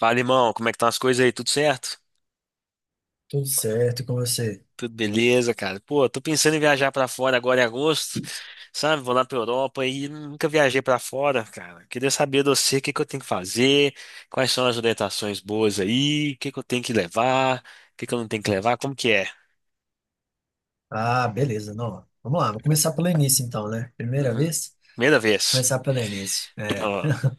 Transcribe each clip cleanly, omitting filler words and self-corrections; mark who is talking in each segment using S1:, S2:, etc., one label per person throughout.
S1: Fala, irmão, como é que estão as coisas aí? Tudo certo?
S2: Tudo certo com você?
S1: Tudo beleza, cara. Pô, tô pensando em viajar pra fora agora em agosto, sabe? Vou lá pra Europa e nunca viajei pra fora, cara. Queria saber de você o que que eu tenho que fazer, quais são as orientações boas aí, o que que eu tenho que levar, o que que eu não tenho que levar, como que é?
S2: Ah, beleza, não. Vamos lá, vou começar pelo início então, né? Primeira
S1: Uhum.
S2: vez?
S1: Primeira vez.
S2: Começar pelo início. É.
S1: Ó,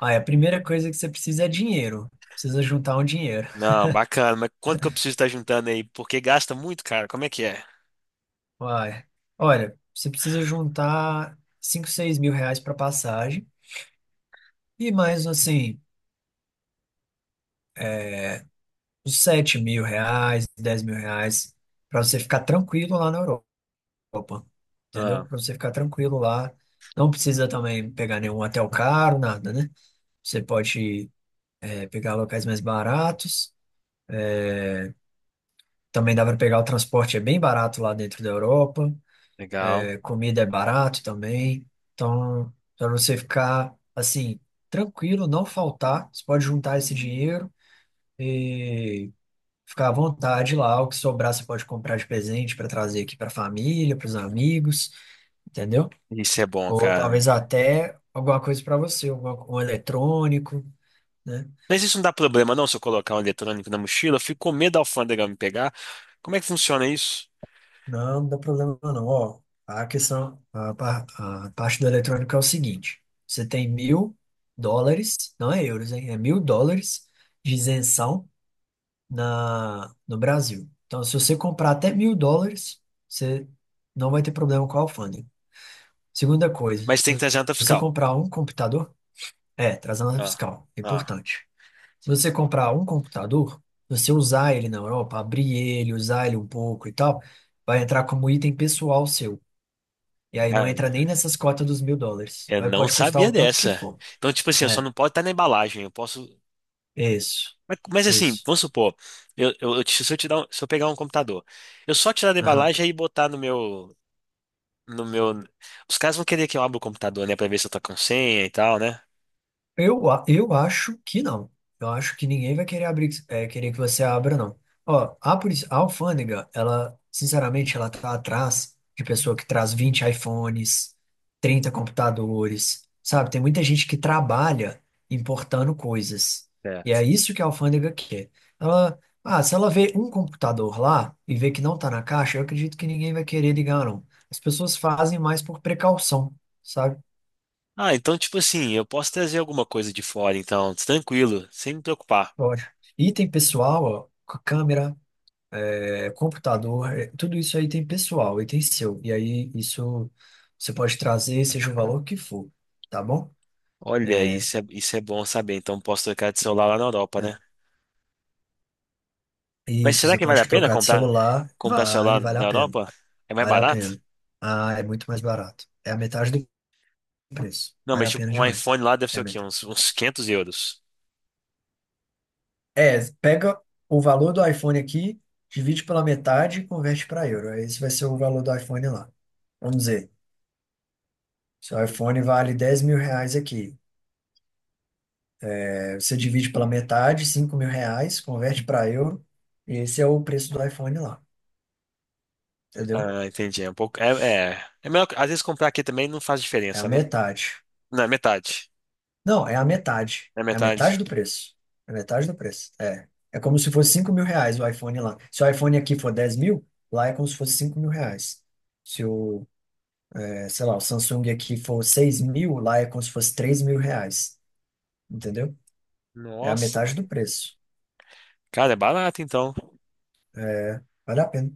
S2: Olha, a primeira coisa que você precisa é dinheiro. Precisa juntar um dinheiro.
S1: não, bacana, mas quanto que eu preciso estar juntando aí? Porque gasta muito, cara. Como é que é?
S2: Uai. Olha, você precisa juntar 5, 6 mil reais para passagem e mais, assim, uns 7 mil reais, 10 mil reais para você ficar tranquilo lá na Europa. Entendeu?
S1: Ah,
S2: Para você ficar tranquilo lá. Não precisa também pegar nenhum hotel caro, nada, né? Você pode pegar locais mais baratos. Também dá para pegar o transporte, é bem barato lá dentro da Europa.
S1: legal.
S2: É, comida é barato também. Então, para você ficar assim, tranquilo, não faltar, você pode juntar esse dinheiro e ficar à vontade lá. O que sobrar você pode comprar de presente para trazer aqui para a família, para os amigos, entendeu?
S1: Isso é bom,
S2: Ou
S1: cara.
S2: talvez até alguma coisa para você, um eletrônico, né?
S1: Mas isso não dá problema, não, se eu colocar um eletrônico na mochila, eu fico com medo da alfândega me pegar. Como é que funciona isso?
S2: Não, não dá problema não. Ó, a questão, a parte do eletrônico é o seguinte: você tem mil dólares, não é euros, hein? É mil dólares de isenção no Brasil. Então, se você comprar até mil dólares, você não vai ter problema com a alfândega. Segunda coisa,
S1: Mas tem que
S2: se
S1: trazer nota
S2: você
S1: fiscal.
S2: comprar um computador, trazendo
S1: Ah,
S2: fiscal, é
S1: ah,
S2: importante. Se você comprar um computador, você usar ele na Europa, abrir ele, usar ele um pouco e tal, vai entrar como item pessoal seu. E aí não entra nem
S1: ah,
S2: nessas cotas dos mil dólares.
S1: eu
S2: Aí
S1: não
S2: pode custar
S1: sabia
S2: o tanto que
S1: dessa.
S2: for.
S1: Então, tipo assim, eu só
S2: É,
S1: não posso estar na embalagem, eu posso.
S2: isso,
S1: Mas assim,
S2: isso.
S1: vamos supor, eu te- se eu te dar um- se eu pegar um computador, eu só tirar da
S2: Aham.
S1: embalagem e botar no meu. Os caras vão querer que eu abra o computador, né, pra ver se eu tô com senha e tal, né?
S2: Eu acho que não. Eu acho que ninguém vai querer abrir, querer que você abra, não. Ó, a alfândega, ela, sinceramente, ela tá atrás de pessoa que traz 20 iPhones, 30 computadores, sabe? Tem muita gente que trabalha importando coisas. E
S1: Certo.
S2: é isso que a alfândega quer. Ela, Se ela vê um computador lá e vê que não tá na caixa, eu acredito que ninguém vai querer ligar, não. As pessoas fazem mais por precaução, sabe?
S1: Ah, então, tipo assim, eu posso trazer alguma coisa de fora, então, tranquilo, sem me preocupar.
S2: Pode. Item pessoal, ó, câmera, computador, tudo isso aí tem pessoal e tem seu. E aí isso você pode trazer, seja o valor que for, tá bom?
S1: Olha,
S2: É,
S1: isso é bom saber. Então posso trocar de celular lá na Europa, né?
S2: é.
S1: Mas
S2: Isso,
S1: será
S2: você
S1: que vale
S2: pode
S1: a pena
S2: trocar de
S1: comprar,
S2: celular,
S1: comprar
S2: vale,
S1: celular
S2: vale
S1: na
S2: a pena.
S1: Europa? É mais
S2: Vale a
S1: barato?
S2: pena. Ah, é muito mais barato. É a metade do preço.
S1: Não,
S2: Vale
S1: mas
S2: a pena
S1: tipo, um
S2: demais.
S1: iPhone lá deve
S2: É
S1: ser
S2: a
S1: o quê?
S2: metade.
S1: Uns quinhentos euros.
S2: É, pega o valor do iPhone aqui, divide pela metade e converte para euro. Esse vai ser o valor do iPhone lá. Vamos dizer. Seu iPhone vale R$ 10.000 aqui. É, você divide pela metade, R$ 5.000, converte para euro, e esse é o preço do iPhone lá, entendeu?
S1: Ah, entendi. É um pouco. É, melhor. Às vezes comprar aqui também não faz
S2: É a
S1: diferença, né?
S2: metade.
S1: Não, é metade.
S2: Não, é a metade.
S1: É
S2: É a
S1: metade.
S2: metade do preço. É a metade do preço. É. É como se fosse 5 mil reais o iPhone lá. Se o iPhone aqui for 10 mil, lá é como se fosse 5 mil reais. Se o, sei lá, o Samsung aqui for 6 mil, lá é como se fosse R$ 3.000. Entendeu? É a
S1: Nossa.
S2: metade do preço.
S1: Cara, é barato então.
S2: É, vale a pena.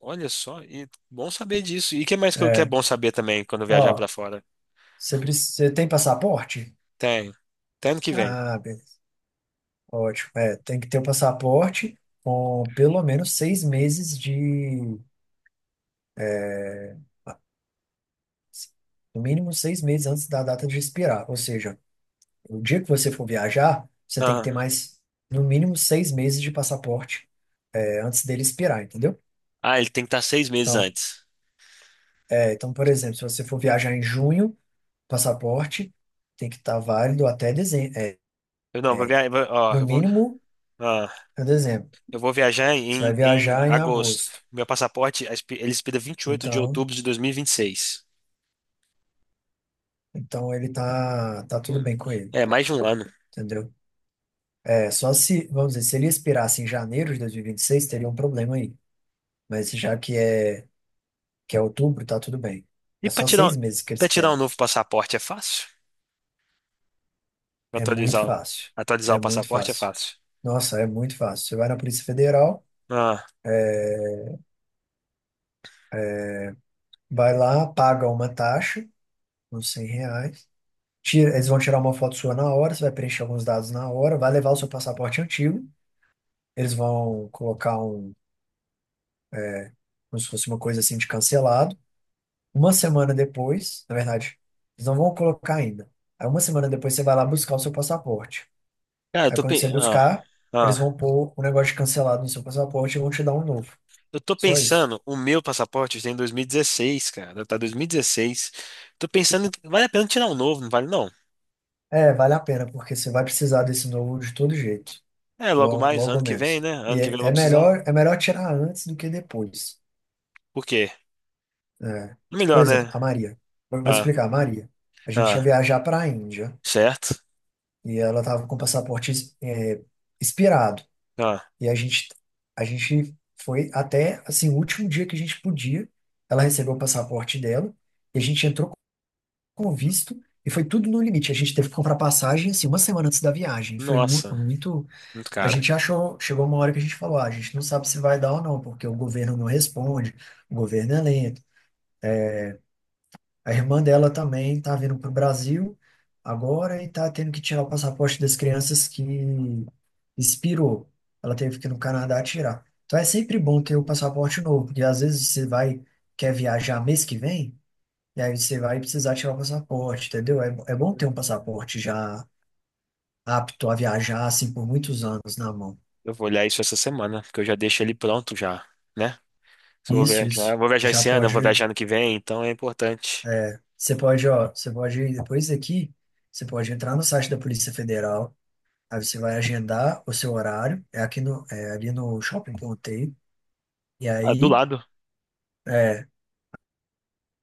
S1: Olha só, e bom saber disso. E o que mais que, eu- que é
S2: É.
S1: bom saber também quando eu viajar
S2: Ó,
S1: pra fora?
S2: Você tem passaporte?
S1: Tem. Até ano que vem.
S2: Ah, beleza. Ótimo. É, tem que ter o passaporte com pelo menos 6 meses de. No mínimo seis meses antes da data de expirar. Ou seja, o dia que você for viajar, você tem que ter
S1: Ah,
S2: mais, no mínimo, seis meses de passaporte, antes dele expirar, entendeu?
S1: ah, ele tem que estar 6 meses
S2: Então,
S1: antes.
S2: por exemplo, se você for viajar em junho, o passaporte tem que estar válido até dezembro. É,
S1: Eu não, vou viajar, ó,
S2: no
S1: eu vou,
S2: mínimo,
S1: ah,
S2: é dezembro.
S1: eu vou viajar
S2: Você vai
S1: em, em
S2: viajar em
S1: agosto.
S2: agosto.
S1: Meu passaporte, a expi- ele expira vinte e oito de
S2: Então.
S1: outubro de 2026.
S2: Então ele tá tudo
S1: Hum,
S2: bem com ele,
S1: É, mais de um ano.
S2: entendeu? É, só se, vamos dizer, se ele expirasse em janeiro de 2026, teria um problema aí. Mas já que é outubro, tá tudo bem.
S1: E
S2: É
S1: para
S2: só
S1: tirar,
S2: seis
S1: um-
S2: meses que eles
S1: pra tirar um
S2: pedem.
S1: novo passaporte é fácil?
S2: É muito
S1: Atualizar, o-
S2: fácil.
S1: atualizar
S2: É
S1: o
S2: muito
S1: passaporte é
S2: fácil.
S1: fácil.
S2: Nossa, é muito fácil. Você vai na Polícia Federal,
S1: Ah,
S2: vai lá, paga uma taxa, uns R$ 100. Tira, eles vão tirar uma foto sua na hora, você vai preencher alguns dados na hora, vai levar o seu passaporte antigo. Eles vão colocar um, como se fosse uma coisa assim de cancelado. Uma semana depois, na verdade, eles não vão colocar ainda. Aí uma semana depois você vai lá buscar o seu passaporte.
S1: cara, eu
S2: Aí
S1: tô,
S2: quando você
S1: pe- ah,
S2: buscar, eles
S1: ah,
S2: vão pôr o negócio de cancelado no seu passaporte e vão te dar um novo.
S1: eu tô
S2: Só isso.
S1: pensando, o meu passaporte tem 2016, cara, tá 2016. Tô pensando, em- vale a pena tirar um novo, não vale não?
S2: É, vale a pena, porque você vai precisar desse novo de todo jeito.
S1: É, logo
S2: Logo,
S1: mais,
S2: logo
S1: ano que vem,
S2: menos.
S1: né? Ano
S2: E
S1: que
S2: é,
S1: vem eu
S2: é
S1: vou precisar.
S2: melhor, é melhor tirar antes do que depois.
S1: Por quê?
S2: É. Por
S1: Melhor,
S2: exemplo,
S1: né?
S2: a Maria. Eu vou te explicar, a Maria. A gente ia
S1: Ah,
S2: viajar para a Índia
S1: certo?
S2: e ela estava com o passaporte, é, expirado.
S1: Ah,
S2: E a gente foi até, assim, o último dia que a gente podia. Ela recebeu o passaporte dela e a gente entrou com o visto e foi tudo no limite. A gente teve que comprar passagem, assim, uma semana antes da viagem. Foi mu-
S1: nossa,
S2: muito...
S1: muito
S2: A
S1: caro.
S2: gente achou. Chegou uma hora que a gente falou, ah, a gente não sabe se vai dar ou não, porque o governo não responde, o governo é lento. A irmã dela também está vindo para o Brasil agora e está tendo que tirar o passaporte das crianças que expirou. Ela teve que ir no Canadá tirar. Então é sempre bom ter o passaporte novo, porque às vezes você vai, quer viajar mês que vem, e aí você vai precisar tirar o passaporte, entendeu? É bom ter um passaporte já apto a viajar, assim, por muitos anos na mão.
S1: Eu vou olhar isso essa semana, porque eu já deixo ele pronto já, né? Se eu
S2: Isso, isso.
S1: vou viajar
S2: Já
S1: esse ano, eu vou
S2: pode.
S1: viajar ano que vem, então é importante.
S2: Você pode, ó, você pode, depois daqui, você pode entrar no site da Polícia Federal. Aí você vai agendar o seu horário, é aqui no, é ali no shopping que eu montei. E
S1: Ah, do
S2: aí,
S1: lado.
S2: é,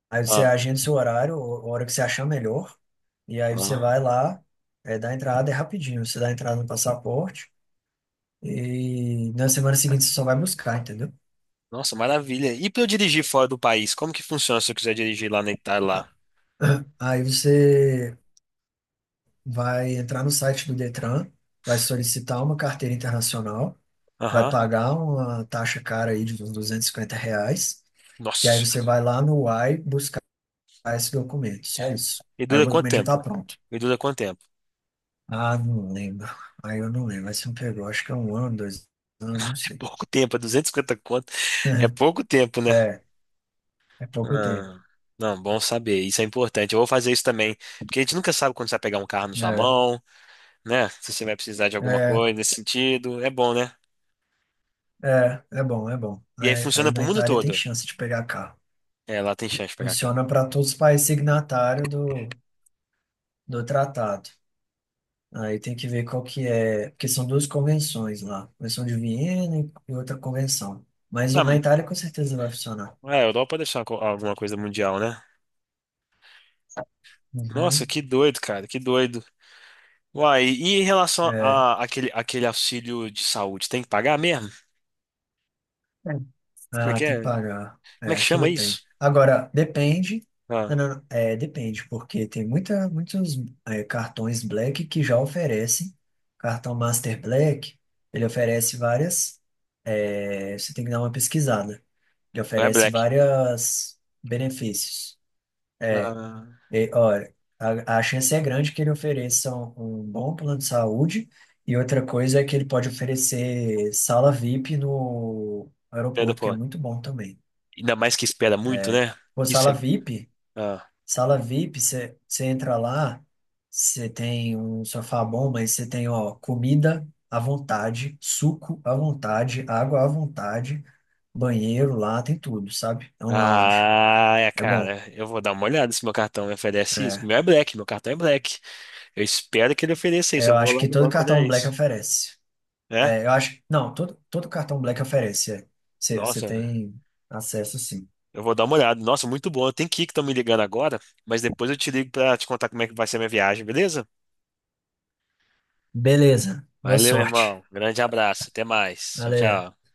S2: aí você
S1: Ah,
S2: agenda o seu horário, a hora que você achar melhor. E aí você
S1: ah.
S2: vai lá, dá a entrada, é rapidinho. Você dá a entrada no passaporte e na semana seguinte você só vai buscar, entendeu?
S1: Nossa, maravilha. E pra eu dirigir fora do país, como que funciona se eu quiser dirigir lá na Itália
S2: Ah,
S1: lá?
S2: aí você vai entrar no site do Detran, vai solicitar uma carteira internacional, vai
S1: Aham.
S2: pagar uma taxa cara aí de uns R$ 250. E
S1: Nossa
S2: aí você
S1: Senhora.
S2: vai lá no uai. Ah, esse documento, só isso.
S1: E
S2: Aí o
S1: dura quanto
S2: documento já
S1: tempo?
S2: tá pronto.
S1: E dura quanto tempo?
S2: Ah, não lembro. Aí eu não lembro. Aí você me pegou, acho que é um ano, 2 anos, não
S1: É
S2: sei.
S1: pouco tempo, é 250 conto. É pouco tempo, né?
S2: É, é pouco tempo.
S1: Ah, não, bom saber. Isso é importante. Eu vou fazer isso também. Porque a gente nunca sabe quando você vai pegar um carro na sua
S2: É,
S1: mão. Né? Se você vai precisar de alguma
S2: é,
S1: coisa nesse sentido, é bom, né?
S2: é bom.
S1: E aí
S2: Aí,
S1: funciona pro
S2: na
S1: mundo
S2: Itália tem
S1: todo.
S2: chance de pegar carro.
S1: É, lá tem chance de pegar carro.
S2: Funciona para todos os países signatários do tratado. Aí tem que ver qual que é, porque são duas convenções lá, Convenção de Viena e outra convenção. Mas na
S1: Ah,
S2: Itália com certeza vai funcionar.
S1: é, a Europa deve ser uma co- alguma coisa mundial, né? Nossa,
S2: Uhum.
S1: que doido, cara, que doido. Uai, e em relação
S2: É.
S1: a aquele, aquele auxílio de saúde, tem que pagar mesmo? Como é
S2: Ah,
S1: que
S2: tem
S1: é?
S2: que
S1: Como
S2: pagar.
S1: é
S2: É,
S1: que chama
S2: aquilo tem.
S1: isso?
S2: Agora, depende.
S1: Ah,
S2: Não, não, não, depende, porque tem muitos cartões Black que já oferecem. Cartão Master Black, ele oferece várias. Você tem que dar uma pesquisada. Ele
S1: não é
S2: oferece
S1: Black.
S2: vários benefícios.
S1: Ah,
S2: E, olha, a chance é grande que ele ofereça um bom plano de saúde, e outra coisa é que ele pode oferecer sala VIP no
S1: é da
S2: aeroporto, que é
S1: porra.
S2: muito bom também.
S1: Ainda mais que espera muito,
S2: É.
S1: né?
S2: Pô,
S1: Isso
S2: sala
S1: é.
S2: VIP,
S1: Ah.
S2: sala VIP, você entra lá, você tem um sofá bom, mas você tem, ó, comida à vontade, suco à vontade, água à vontade, banheiro lá, tem tudo, sabe? É um lounge.
S1: Ah, é,
S2: É bom.
S1: cara, eu vou dar uma olhada se meu cartão me oferece isso.
S2: É.
S1: Meu é Black, meu cartão é Black. Eu espero que ele ofereça
S2: É,
S1: isso. Eu
S2: eu
S1: vou
S2: acho
S1: lá
S2: que
S1: no
S2: todo
S1: banco olhar
S2: cartão Black
S1: isso.
S2: oferece.
S1: É?
S2: É, eu acho. Não, todo cartão Black oferece. É. Você
S1: Nossa,
S2: tem acesso, sim.
S1: eu vou dar uma olhada. Nossa, muito bom. Eu tenho que ir que estão me ligando agora, mas depois eu te ligo pra te contar como é que vai ser a minha viagem, beleza?
S2: Beleza. Boa
S1: Valeu,
S2: sorte.
S1: irmão. Grande abraço. Até mais. Tchau,
S2: Valeu.
S1: tchau.